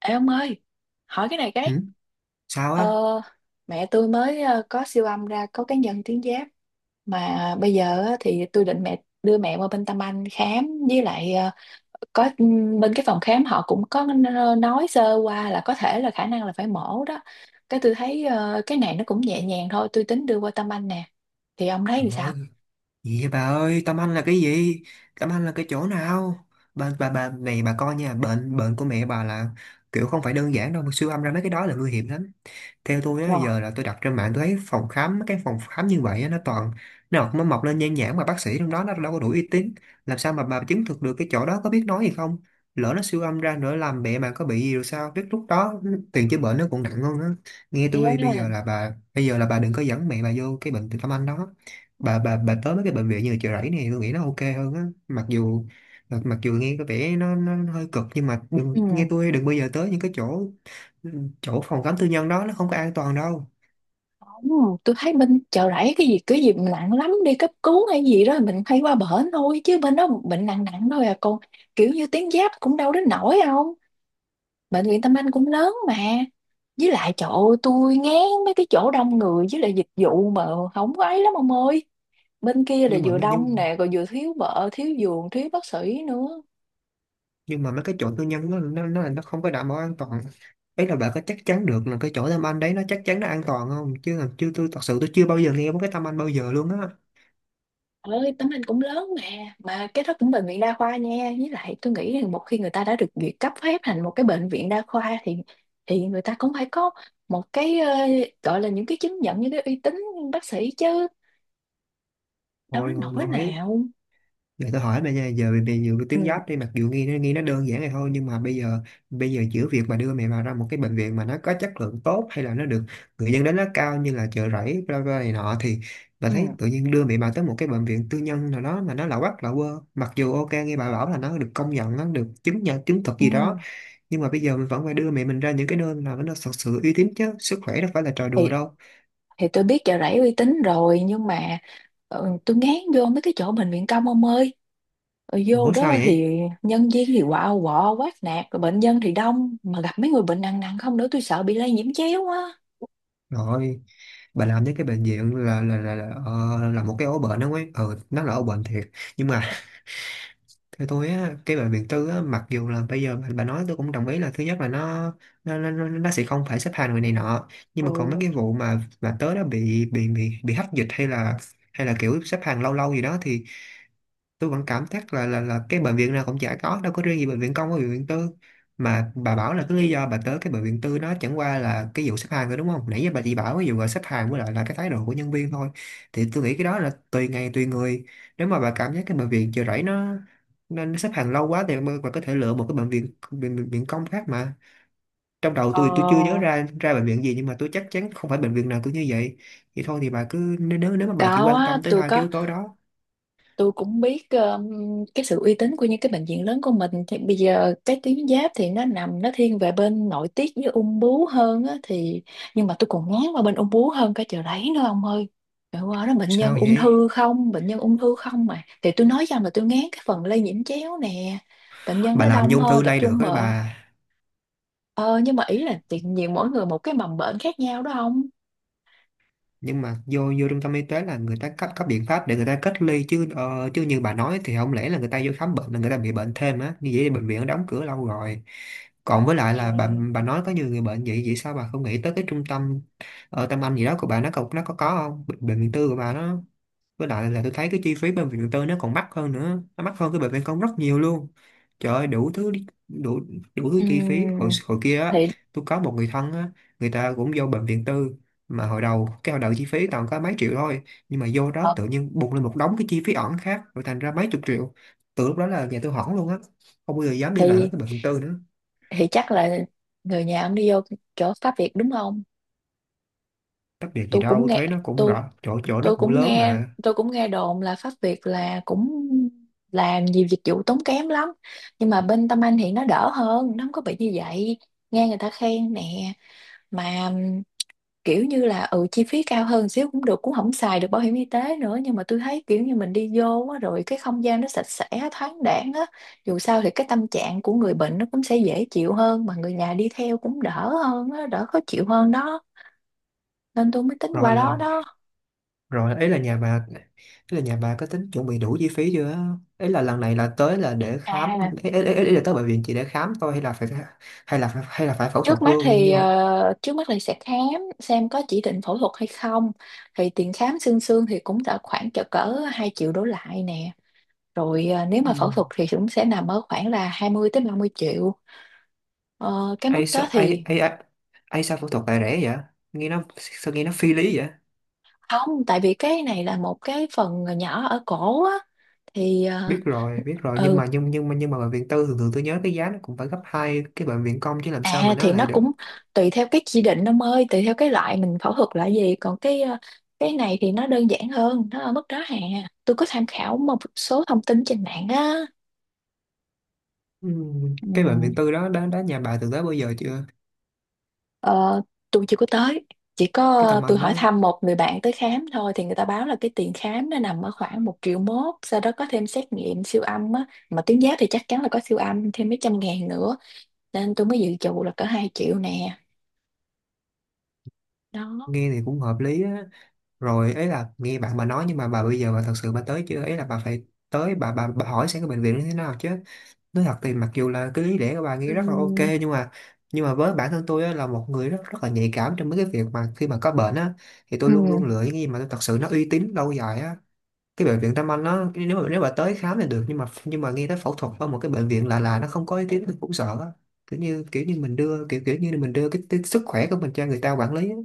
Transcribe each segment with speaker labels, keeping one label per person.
Speaker 1: Ê ông ơi, hỏi cái này cái.
Speaker 2: Ừ? Sao
Speaker 1: Ờ,
Speaker 2: á?
Speaker 1: mẹ tôi mới có siêu âm ra có cái nhân tuyến giáp mà bây giờ á, thì tôi định đưa mẹ qua bên Tâm Anh khám với lại có bên cái phòng khám họ cũng có nói sơ qua là có thể là khả năng là phải mổ đó. Cái tôi thấy cái này nó cũng nhẹ nhàng thôi, tôi tính đưa qua Tâm Anh nè. Thì ông thấy
Speaker 2: Trời
Speaker 1: thì sao?
Speaker 2: ơi, gì vậy bà ơi, Tâm Anh là cái gì? Tâm Anh là cái chỗ nào? Bà này bà coi nha, bệnh bệnh của mẹ bà là kiểu không phải đơn giản đâu, mà siêu âm ra mấy cái đó là nguy hiểm lắm. Theo tôi á,
Speaker 1: Ờ.
Speaker 2: giờ là tôi đặt trên mạng tôi thấy phòng khám cái phòng khám như vậy á, nó toàn nó mọc lên nhan nhản, mà bác sĩ trong đó nó đâu có đủ uy tín, làm sao mà bà chứng thực được cái chỗ đó có biết nói gì không, lỡ nó siêu âm ra nữa làm mẹ mà có bị gì rồi sao biết lúc đó tiền chữa bệnh nó còn nặng hơn á. Nghe
Speaker 1: Thế á.
Speaker 2: tôi bây giờ là bà, bây giờ là bà đừng có dẫn mẹ bà vô cái bệnh Từ Tâm Anh đó. Bà tới mấy cái bệnh viện như Chợ Rẫy này tôi nghĩ nó ok hơn á, mặc dù nghe có vẻ nó hơi cực, nhưng mà đừng,
Speaker 1: Ừ.
Speaker 2: nghe tôi đừng bao giờ tới những cái chỗ, ừ, chỗ phòng khám tư nhân đó, nó không có an toàn đâu.
Speaker 1: Đúng rồi, tôi thấy bên Chợ Rẫy cái gì mà nặng lắm đi cấp cứu hay gì đó mình hay qua bển thôi, chứ bên đó bệnh nặng nặng thôi à con. Kiểu như tuyến giáp cũng đâu đến nổi, không? Bệnh viện Tâm Anh cũng lớn mà, với lại trời ơi, tôi ngán mấy cái chỗ đông người, với lại dịch vụ mà không có ấy lắm ông ơi. Bên kia là
Speaker 2: nhưng mà
Speaker 1: vừa
Speaker 2: mấy-
Speaker 1: đông
Speaker 2: nhưng
Speaker 1: nè, rồi vừa thiếu vợ, thiếu giường, thiếu bác sĩ nữa.
Speaker 2: nhưng mà mấy cái chỗ tư nhân nó không có đảm bảo an toàn. Ấy là bạn có chắc chắn được là cái chỗ Tâm Anh đấy nó chắc chắn nó an toàn không, chứ là chưa, tôi thật sự tôi chưa bao giờ nghe một cái Tâm Anh bao giờ luôn á.
Speaker 1: Ơi, tấm anh cũng lớn mà cái đó cũng bệnh viện đa khoa nha, với lại tôi nghĩ rằng một khi người ta đã được duyệt cấp phép thành một cái bệnh viện đa khoa thì người ta cũng phải có một cái gọi là những cái chứng nhận, những cái uy tín bác sĩ chứ, đâu
Speaker 2: Hồi
Speaker 1: đến
Speaker 2: hồi,
Speaker 1: nỗi
Speaker 2: hồi
Speaker 1: nào.
Speaker 2: Để tôi hỏi bây giờ, giờ về về nhiều cái
Speaker 1: Ừ.
Speaker 2: tuyến giáp đi, mặc dù nghe nó đơn giản này thôi nhưng mà bây giờ giữa việc mà đưa mẹ vào ra một cái bệnh viện mà nó có chất lượng tốt hay là nó được người dân đánh giá cao như là Chợ Rẫy bla bla này nọ thì bà
Speaker 1: Ừ.
Speaker 2: thấy tự nhiên đưa mẹ bà tới một cái bệnh viện tư nhân nào đó mà nó lạ quắc lạ quơ, mặc dù ok nghe bà bảo là nó được công nhận nó được chứng nhận chứng thực
Speaker 1: Ừ.
Speaker 2: gì đó, nhưng mà bây giờ mình vẫn phải đưa mẹ mình ra những cái nơi nào nó thật sự uy tín chứ, sức khỏe đâu phải là trò đùa
Speaker 1: thì
Speaker 2: đâu.
Speaker 1: thì tôi biết Chợ Rẫy uy tín rồi, nhưng mà tôi ngán vô mấy cái chỗ bệnh viện công ông ơi. Ở vô
Speaker 2: Ủa sao
Speaker 1: đó
Speaker 2: vậy?
Speaker 1: thì nhân viên thì quạo quọ quát nạt, rồi bệnh nhân thì đông, mà gặp mấy người bệnh nặng nặng không nữa, tôi sợ bị lây nhiễm chéo á.
Speaker 2: Rồi bà làm với cái bệnh viện là một cái ổ bệnh đó ấy, ừ, nó là ổ bệnh thiệt, nhưng mà theo tôi á cái bệnh viện tư á, mặc dù là bây giờ bà nói tôi cũng đồng ý là thứ nhất là nó sẽ không phải xếp hàng người này nọ, nhưng mà còn mấy
Speaker 1: Ừ.
Speaker 2: cái vụ mà tớ đã bị hách dịch hay là kiểu xếp hàng lâu lâu gì đó thì tôi vẫn cảm giác là cái bệnh viện nào cũng chả có, đâu có riêng gì bệnh viện công với bệnh viện tư, mà bà bảo là cái lý do bà tới cái bệnh viện tư nó chẳng qua là cái vụ xếp hàng thôi đúng không, nãy giờ bà chỉ bảo cái vụ là xếp hàng với lại là cái thái độ của nhân viên thôi. Thì tôi nghĩ cái đó là tùy ngày tùy người. Nếu mà bà cảm giác cái bệnh viện Chợ Rẫy nó nên nó xếp hàng lâu quá thì bà có thể lựa một cái bệnh viện công khác mà, trong đầu tôi chưa nhớ
Speaker 1: Ờ.
Speaker 2: ra ra bệnh viện gì nhưng mà tôi chắc chắn không phải bệnh viện nào cũng như vậy. Vậy thôi thì bà cứ nếu nếu nếu mà bà chỉ
Speaker 1: Có
Speaker 2: quan
Speaker 1: á,
Speaker 2: tâm tới
Speaker 1: tôi
Speaker 2: hai cái
Speaker 1: có,
Speaker 2: yếu tố đó.
Speaker 1: tôi cũng biết cái sự uy tín của những cái bệnh viện lớn của mình. Thì bây giờ cái tuyến giáp thì nó nằm, nó thiên về bên nội tiết với ung bướu hơn á, thì nhưng mà tôi còn ngán qua bên ung bướu hơn cái Chợ Rẫy nữa ông ơi. Trời, qua đó bệnh nhân
Speaker 2: Sao
Speaker 1: ung
Speaker 2: vậy?
Speaker 1: thư không, bệnh nhân ung thư không mà, thì tôi nói rằng là tôi ngán cái phần lây nhiễm chéo nè, bệnh nhân
Speaker 2: Bà
Speaker 1: nó
Speaker 2: làm như
Speaker 1: đông
Speaker 2: ung
Speaker 1: hơn,
Speaker 2: thư
Speaker 1: tập
Speaker 2: lây
Speaker 1: trung
Speaker 2: được ấy
Speaker 1: mà.
Speaker 2: bà.
Speaker 1: Ờ, nhưng mà ý là tự nhiên mỗi người một cái mầm bệnh khác nhau đó, không?
Speaker 2: Nhưng mà vô vô trung tâm y tế là người ta cấp cấp biện pháp để người ta cách ly chứ, chứ như bà nói thì không lẽ là người ta vô khám bệnh là người ta bị bệnh thêm á, như vậy thì bệnh viện đã đóng cửa lâu rồi. Còn với lại là bà
Speaker 1: À.
Speaker 2: bà nói có nhiều người bệnh vậy, sao bà không nghĩ tới cái trung tâm, Tâm Anh gì đó của bà nó có nó có không bệnh viện tư của bà nó, với lại là tôi thấy cái chi phí bệnh viện tư nó còn mắc hơn nữa, nó mắc hơn cái bệnh viện công rất nhiều luôn. Trời ơi đủ thứ chi phí hồi
Speaker 1: Ừm.
Speaker 2: hồi kia á.
Speaker 1: thì
Speaker 2: Tôi có một người thân á, người ta cũng vô bệnh viện tư, mà hồi đầu chi phí toàn có mấy triệu thôi, nhưng mà vô đó
Speaker 1: ờ,
Speaker 2: tự nhiên bùng lên một đống cái chi phí ẩn khác rồi thành ra mấy chục triệu, từ lúc đó là nhà tôi hỏng luôn á, không bao giờ dám đi lại với
Speaker 1: thì
Speaker 2: cái bệnh viện tư nữa.
Speaker 1: thì chắc là người nhà ông đi vô chỗ Pháp Việt đúng không?
Speaker 2: Tách biệt gì
Speaker 1: tôi cũng
Speaker 2: đâu,
Speaker 1: nghe
Speaker 2: thuế nó cũng
Speaker 1: tôi
Speaker 2: rõ chỗ, nó
Speaker 1: tôi
Speaker 2: cũng
Speaker 1: cũng
Speaker 2: lớn
Speaker 1: nghe
Speaker 2: mà.
Speaker 1: tôi cũng nghe đồn là Pháp Việt là cũng làm nhiều dịch vụ tốn kém lắm, nhưng mà bên Tâm Anh thì nó đỡ hơn, nó không có bị như vậy, nghe người ta khen nè. Mà kiểu như là ừ, chi phí cao hơn xíu cũng được, cũng không xài được bảo hiểm y tế nữa, nhưng mà tôi thấy kiểu như mình đi vô á, rồi cái không gian nó sạch sẽ, thoáng đãng á, dù sao thì cái tâm trạng của người bệnh nó cũng sẽ dễ chịu hơn, mà người nhà đi theo cũng đỡ hơn á, đỡ khó chịu hơn đó, nên tôi mới tính
Speaker 2: rồi
Speaker 1: qua đó
Speaker 2: là
Speaker 1: đó.
Speaker 2: Rồi ấy là nhà bà, ý là nhà bà có tính chuẩn bị đủ chi phí chưa á? Ý là lần này là tới là để khám
Speaker 1: À,
Speaker 2: ấy, ý, ý ý là tới bệnh viện chỉ để khám thôi hay là phải hay là phải phẫu thuật luôn như như.
Speaker 1: trước mắt thì sẽ khám xem có chỉ định phẫu thuật hay không. Thì tiền khám xương xương thì cũng đã khoảng cỡ cỡ 2 triệu đổ lại nè, rồi nếu mà phẫu thuật
Speaker 2: Ừ.
Speaker 1: thì cũng sẽ nằm ở khoảng là 20 tới 30 triệu. Ờ, cái
Speaker 2: ấy
Speaker 1: mức
Speaker 2: sao
Speaker 1: đó
Speaker 2: ấy
Speaker 1: thì
Speaker 2: ấy ấy Ấy sao phẫu thuật lại rẻ vậy? Nghe nó sao, nghe nó phi lý vậy?
Speaker 1: không, tại vì cái này là một cái phần nhỏ ở cổ á, thì
Speaker 2: Biết rồi, biết rồi, nhưng
Speaker 1: ừ
Speaker 2: mà nhưng nhưng mà nhưng mà bệnh viện tư thường thường tôi nhớ cái giá nó cũng phải gấp hai cái bệnh viện công chứ, làm sao mà nó
Speaker 1: thì nó
Speaker 2: lại được.
Speaker 1: cũng tùy theo cái chỉ định ông ơi, tùy theo cái loại mình phẫu thuật là gì. Còn cái này thì nó đơn giản hơn, nó ở mức đó hà. Tôi có tham khảo một số thông tin trên mạng á.
Speaker 2: Ừ. Cái bệnh
Speaker 1: Ừ.
Speaker 2: viện tư đó đó đó nhà bà từng tới bao giờ chưa?
Speaker 1: Ờ, tôi chưa có tới, chỉ có
Speaker 2: Cái tầm
Speaker 1: tôi
Speaker 2: anh
Speaker 1: hỏi
Speaker 2: đó
Speaker 1: thăm một người bạn tới khám thôi, thì người ta báo là cái tiền khám nó nằm ở khoảng 1,1 triệu, sau đó có thêm xét nghiệm siêu âm á, mà tuyến giáp thì chắc chắn là có siêu âm thêm mấy trăm ngàn nữa, nên tôi mới dự trù là cỡ 2 triệu nè. Đó.
Speaker 2: nghe thì cũng hợp lý á. Rồi ấy là nghe bạn bà nói, nhưng mà bà bây giờ bà thật sự bà tới chưa, ấy là bà phải tới, bà hỏi xem cái bệnh viện nó thế nào chứ. Nói thật thì mặc dù là cái lý lẽ của bà nghe rất là ok,
Speaker 1: Ừm.
Speaker 2: nhưng mà với bản thân tôi á, là một người rất rất là nhạy cảm trong mấy cái việc mà khi mà có bệnh á, thì tôi luôn luôn
Speaker 1: Ừm.
Speaker 2: lựa những cái gì mà tôi thật sự nó uy tín lâu dài á. Cái bệnh viện Tâm Anh nó nếu mà tới khám thì được, nhưng mà nghe tới phẫu thuật ở một cái bệnh viện lạ lạ nó không có ý kiến mình cũng sợ á. Kiểu như kiểu như mình đưa kiểu kiểu như mình đưa cái sức khỏe của mình cho người ta quản lý á.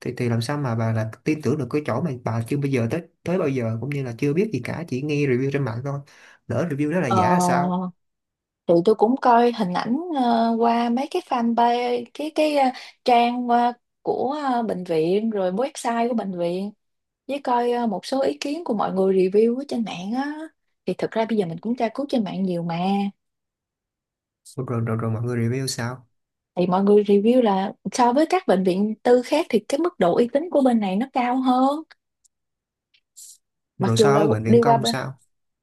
Speaker 2: Thì làm sao mà bà là tin tưởng được cái chỗ mà bà chưa bây giờ tới tới bao giờ, cũng như là chưa biết gì cả, chỉ nghe review trên mạng thôi, lỡ review đó là giả là sao.
Speaker 1: Ờ, thì tôi cũng coi hình ảnh qua mấy cái fanpage trang của bệnh viện, rồi website của bệnh viện, với coi một số ý kiến của mọi người review ở trên mạng á, thì thực ra bây giờ mình cũng tra cứu trên mạng nhiều mà.
Speaker 2: Rồi, rồi, rồi, mọi người review sao?
Speaker 1: Thì mọi người review là so với các bệnh viện tư khác thì cái mức độ uy tín của bên này nó cao hơn. Mặc
Speaker 2: Rồi
Speaker 1: dù
Speaker 2: so
Speaker 1: là
Speaker 2: với bệnh
Speaker 1: đi
Speaker 2: viện
Speaker 1: qua
Speaker 2: công sao?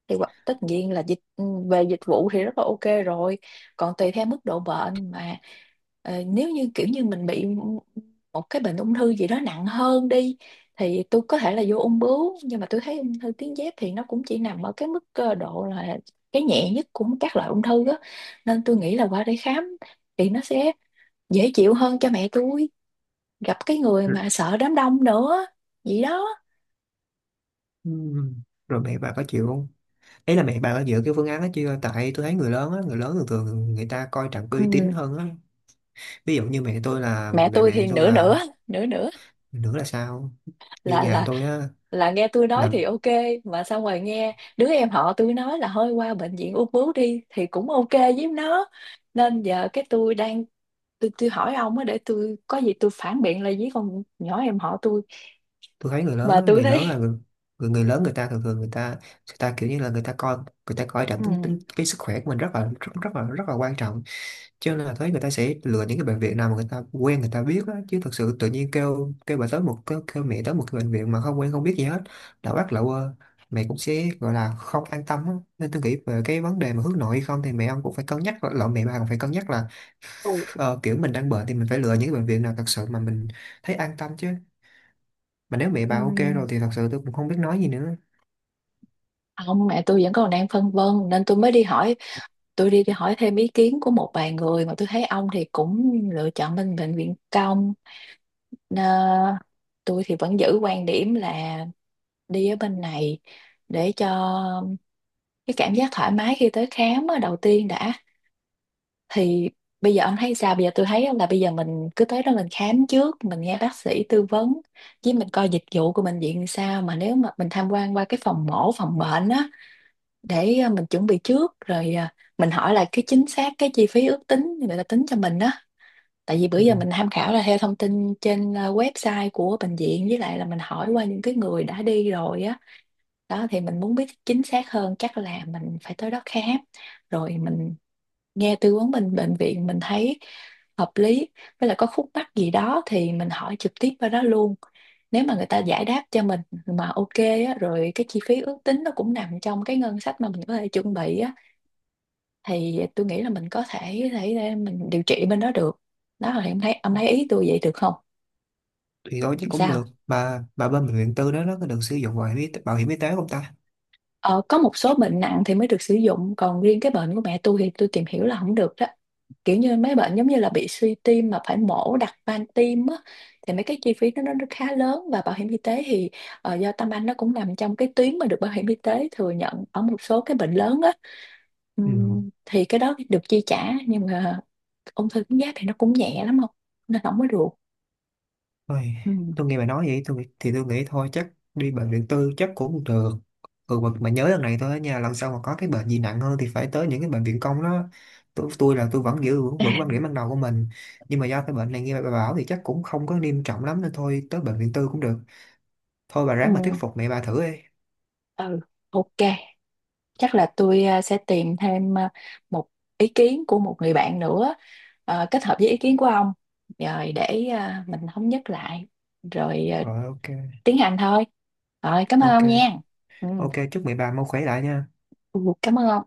Speaker 1: thì tất nhiên là về dịch vụ thì rất là ok rồi, còn tùy theo mức độ bệnh mà. Ờ, nếu như kiểu như mình bị một cái bệnh ung thư gì đó nặng hơn đi, thì tôi có thể là vô ung bướu, nhưng mà tôi thấy ung thư tuyến giáp thì nó cũng chỉ nằm ở cái độ là cái nhẹ nhất của các loại ung thư đó, nên tôi nghĩ là qua đây khám thì nó sẽ dễ chịu hơn cho mẹ tôi, gặp cái người
Speaker 2: Rồi,
Speaker 1: mà sợ đám đông nữa. Vậy đó.
Speaker 2: ừm, rồi mẹ bà có chịu không, ý là mẹ bà có dựa cái phương án đó chưa, tại tôi thấy người lớn á, người lớn thường thường người ta coi trọng cái uy tín
Speaker 1: Ừ.
Speaker 2: hơn á. Ví dụ như mẹ tôi là,
Speaker 1: Mẹ
Speaker 2: mẹ
Speaker 1: tôi
Speaker 2: mẹ
Speaker 1: thì
Speaker 2: tôi
Speaker 1: nửa
Speaker 2: là
Speaker 1: nửa, nửa nửa,
Speaker 2: Nữa là sao? Như
Speaker 1: là
Speaker 2: nhà
Speaker 1: là
Speaker 2: tôi á,
Speaker 1: là nghe tôi nói
Speaker 2: là
Speaker 1: thì ok, mà xong rồi nghe đứa em họ tôi nói là hơi qua bệnh viện ung bướu đi thì cũng ok với nó. Nên giờ cái tôi hỏi ông á, để tôi có gì tôi phản biện lại với con nhỏ em họ tôi,
Speaker 2: tôi thấy người lớn
Speaker 1: mà
Speaker 2: á,
Speaker 1: tôi
Speaker 2: người lớn
Speaker 1: thấy.
Speaker 2: là người, người lớn người ta thường thường người ta, người ta kiểu như là người ta coi, người ta coi trọng
Speaker 1: Ừ.
Speaker 2: tính tính cái sức khỏe của mình rất là quan trọng, cho nên là thấy người ta sẽ lựa những cái bệnh viện nào mà người ta quen người ta biết á, chứ thật sự tự nhiên kêu kêu bà tới một kêu, kêu mẹ tới một cái bệnh viện mà không quen không biết gì hết, đã bắt lậu quơ, mẹ cũng sẽ gọi là không an tâm á. Nên tôi nghĩ về cái vấn đề mà hướng nội hay không thì mẹ ông cũng phải cân nhắc lậu, mẹ bà cũng phải cân nhắc là,
Speaker 1: Ừ.
Speaker 2: kiểu mình đang bệnh thì mình phải lựa những cái bệnh viện nào thật sự mà mình thấy an tâm chứ, mà nếu mẹ
Speaker 1: Ừ.
Speaker 2: bà ok rồi thì thật sự tôi cũng không biết nói gì nữa.
Speaker 1: Ông, mẹ tôi vẫn còn đang phân vân, nên tôi mới đi hỏi. Tôi đi hỏi thêm ý kiến của một vài người, mà tôi thấy ông thì cũng lựa chọn bên bệnh viện công. Nà, tôi thì vẫn giữ quan điểm là đi ở bên này, để cho cái cảm giác thoải mái khi tới khám á, đầu tiên đã. Thì bây giờ ông thấy sao? Bây giờ tôi thấy là bây giờ mình cứ tới đó mình khám trước, mình nghe bác sĩ tư vấn, với mình coi dịch vụ của bệnh viện sao, mà nếu mà mình tham quan qua cái phòng mổ, phòng bệnh á, để mình chuẩn bị trước, rồi mình hỏi là cái chính xác cái chi phí ước tính người ta tính cho mình á. Tại vì bữa
Speaker 2: Ừ.
Speaker 1: giờ mình tham khảo là theo thông tin trên website của bệnh viện, với lại là mình hỏi qua những cái người đã đi rồi á. Đó, thì mình muốn biết chính xác hơn, chắc là mình phải tới đó khám, rồi mình nghe tư vấn bên bệnh viện, mình thấy hợp lý, với lại có khúc mắc gì đó thì mình hỏi trực tiếp qua đó luôn, nếu mà người ta giải đáp cho mình mà ok á, rồi cái chi phí ước tính nó cũng nằm trong cái ngân sách mà mình có thể chuẩn bị á, thì tôi nghĩ là mình có thể để mình điều trị bên đó được. Đó là em thấy, ông thấy ý tôi vậy được không?
Speaker 2: Thì thôi chứ cũng được,
Speaker 1: Sao.
Speaker 2: bà bên bệnh viện tư đó nó có được sử dụng bảo hiểm y tế, không ta?
Speaker 1: Ờ, có một số bệnh nặng thì mới được sử dụng, còn riêng cái bệnh của mẹ tôi thì tôi tìm hiểu là không được đó, kiểu như mấy bệnh giống như là bị suy tim mà phải mổ đặt van tim á, thì mấy cái chi phí nó khá lớn, và bảo hiểm y tế thì do Tâm Anh nó cũng nằm trong cái tuyến mà được bảo hiểm y tế thừa nhận ở một số cái bệnh lớn á.
Speaker 2: Ừ.
Speaker 1: Thì cái đó được chi trả, nhưng mà ung thư tuyến giáp thì nó cũng nhẹ lắm không, nên không có được.
Speaker 2: Ôi,
Speaker 1: Ừm.
Speaker 2: tôi nghe bà nói vậy tôi thì tôi nghĩ thôi chắc đi bệnh viện tư chắc cũng được. Ừ, mà nhớ lần này thôi á nha, lần sau mà có cái bệnh gì nặng hơn thì phải tới những cái bệnh viện công đó. Tôi là tôi vẫn giữ vững vững quan điểm ban đầu của mình, nhưng mà do cái bệnh này nghe bà bảo thì chắc cũng không có nghiêm trọng lắm nên thôi tới bệnh viện tư cũng được. Thôi bà ráng mà thuyết
Speaker 1: Ừm.
Speaker 2: phục mẹ bà thử đi.
Speaker 1: Ừ, ok, chắc là tôi sẽ tìm thêm một ý kiến của một người bạn nữa, kết hợp với ý kiến của ông, rồi để mình thống nhất lại, rồi
Speaker 2: Rồi, ok.
Speaker 1: tiến hành thôi. Rồi cảm ơn
Speaker 2: Ok,
Speaker 1: ông nha. Ừ.
Speaker 2: ok, chúc mẹ bà mau khỏe lại nha.
Speaker 1: Ừ, cảm ơn ông.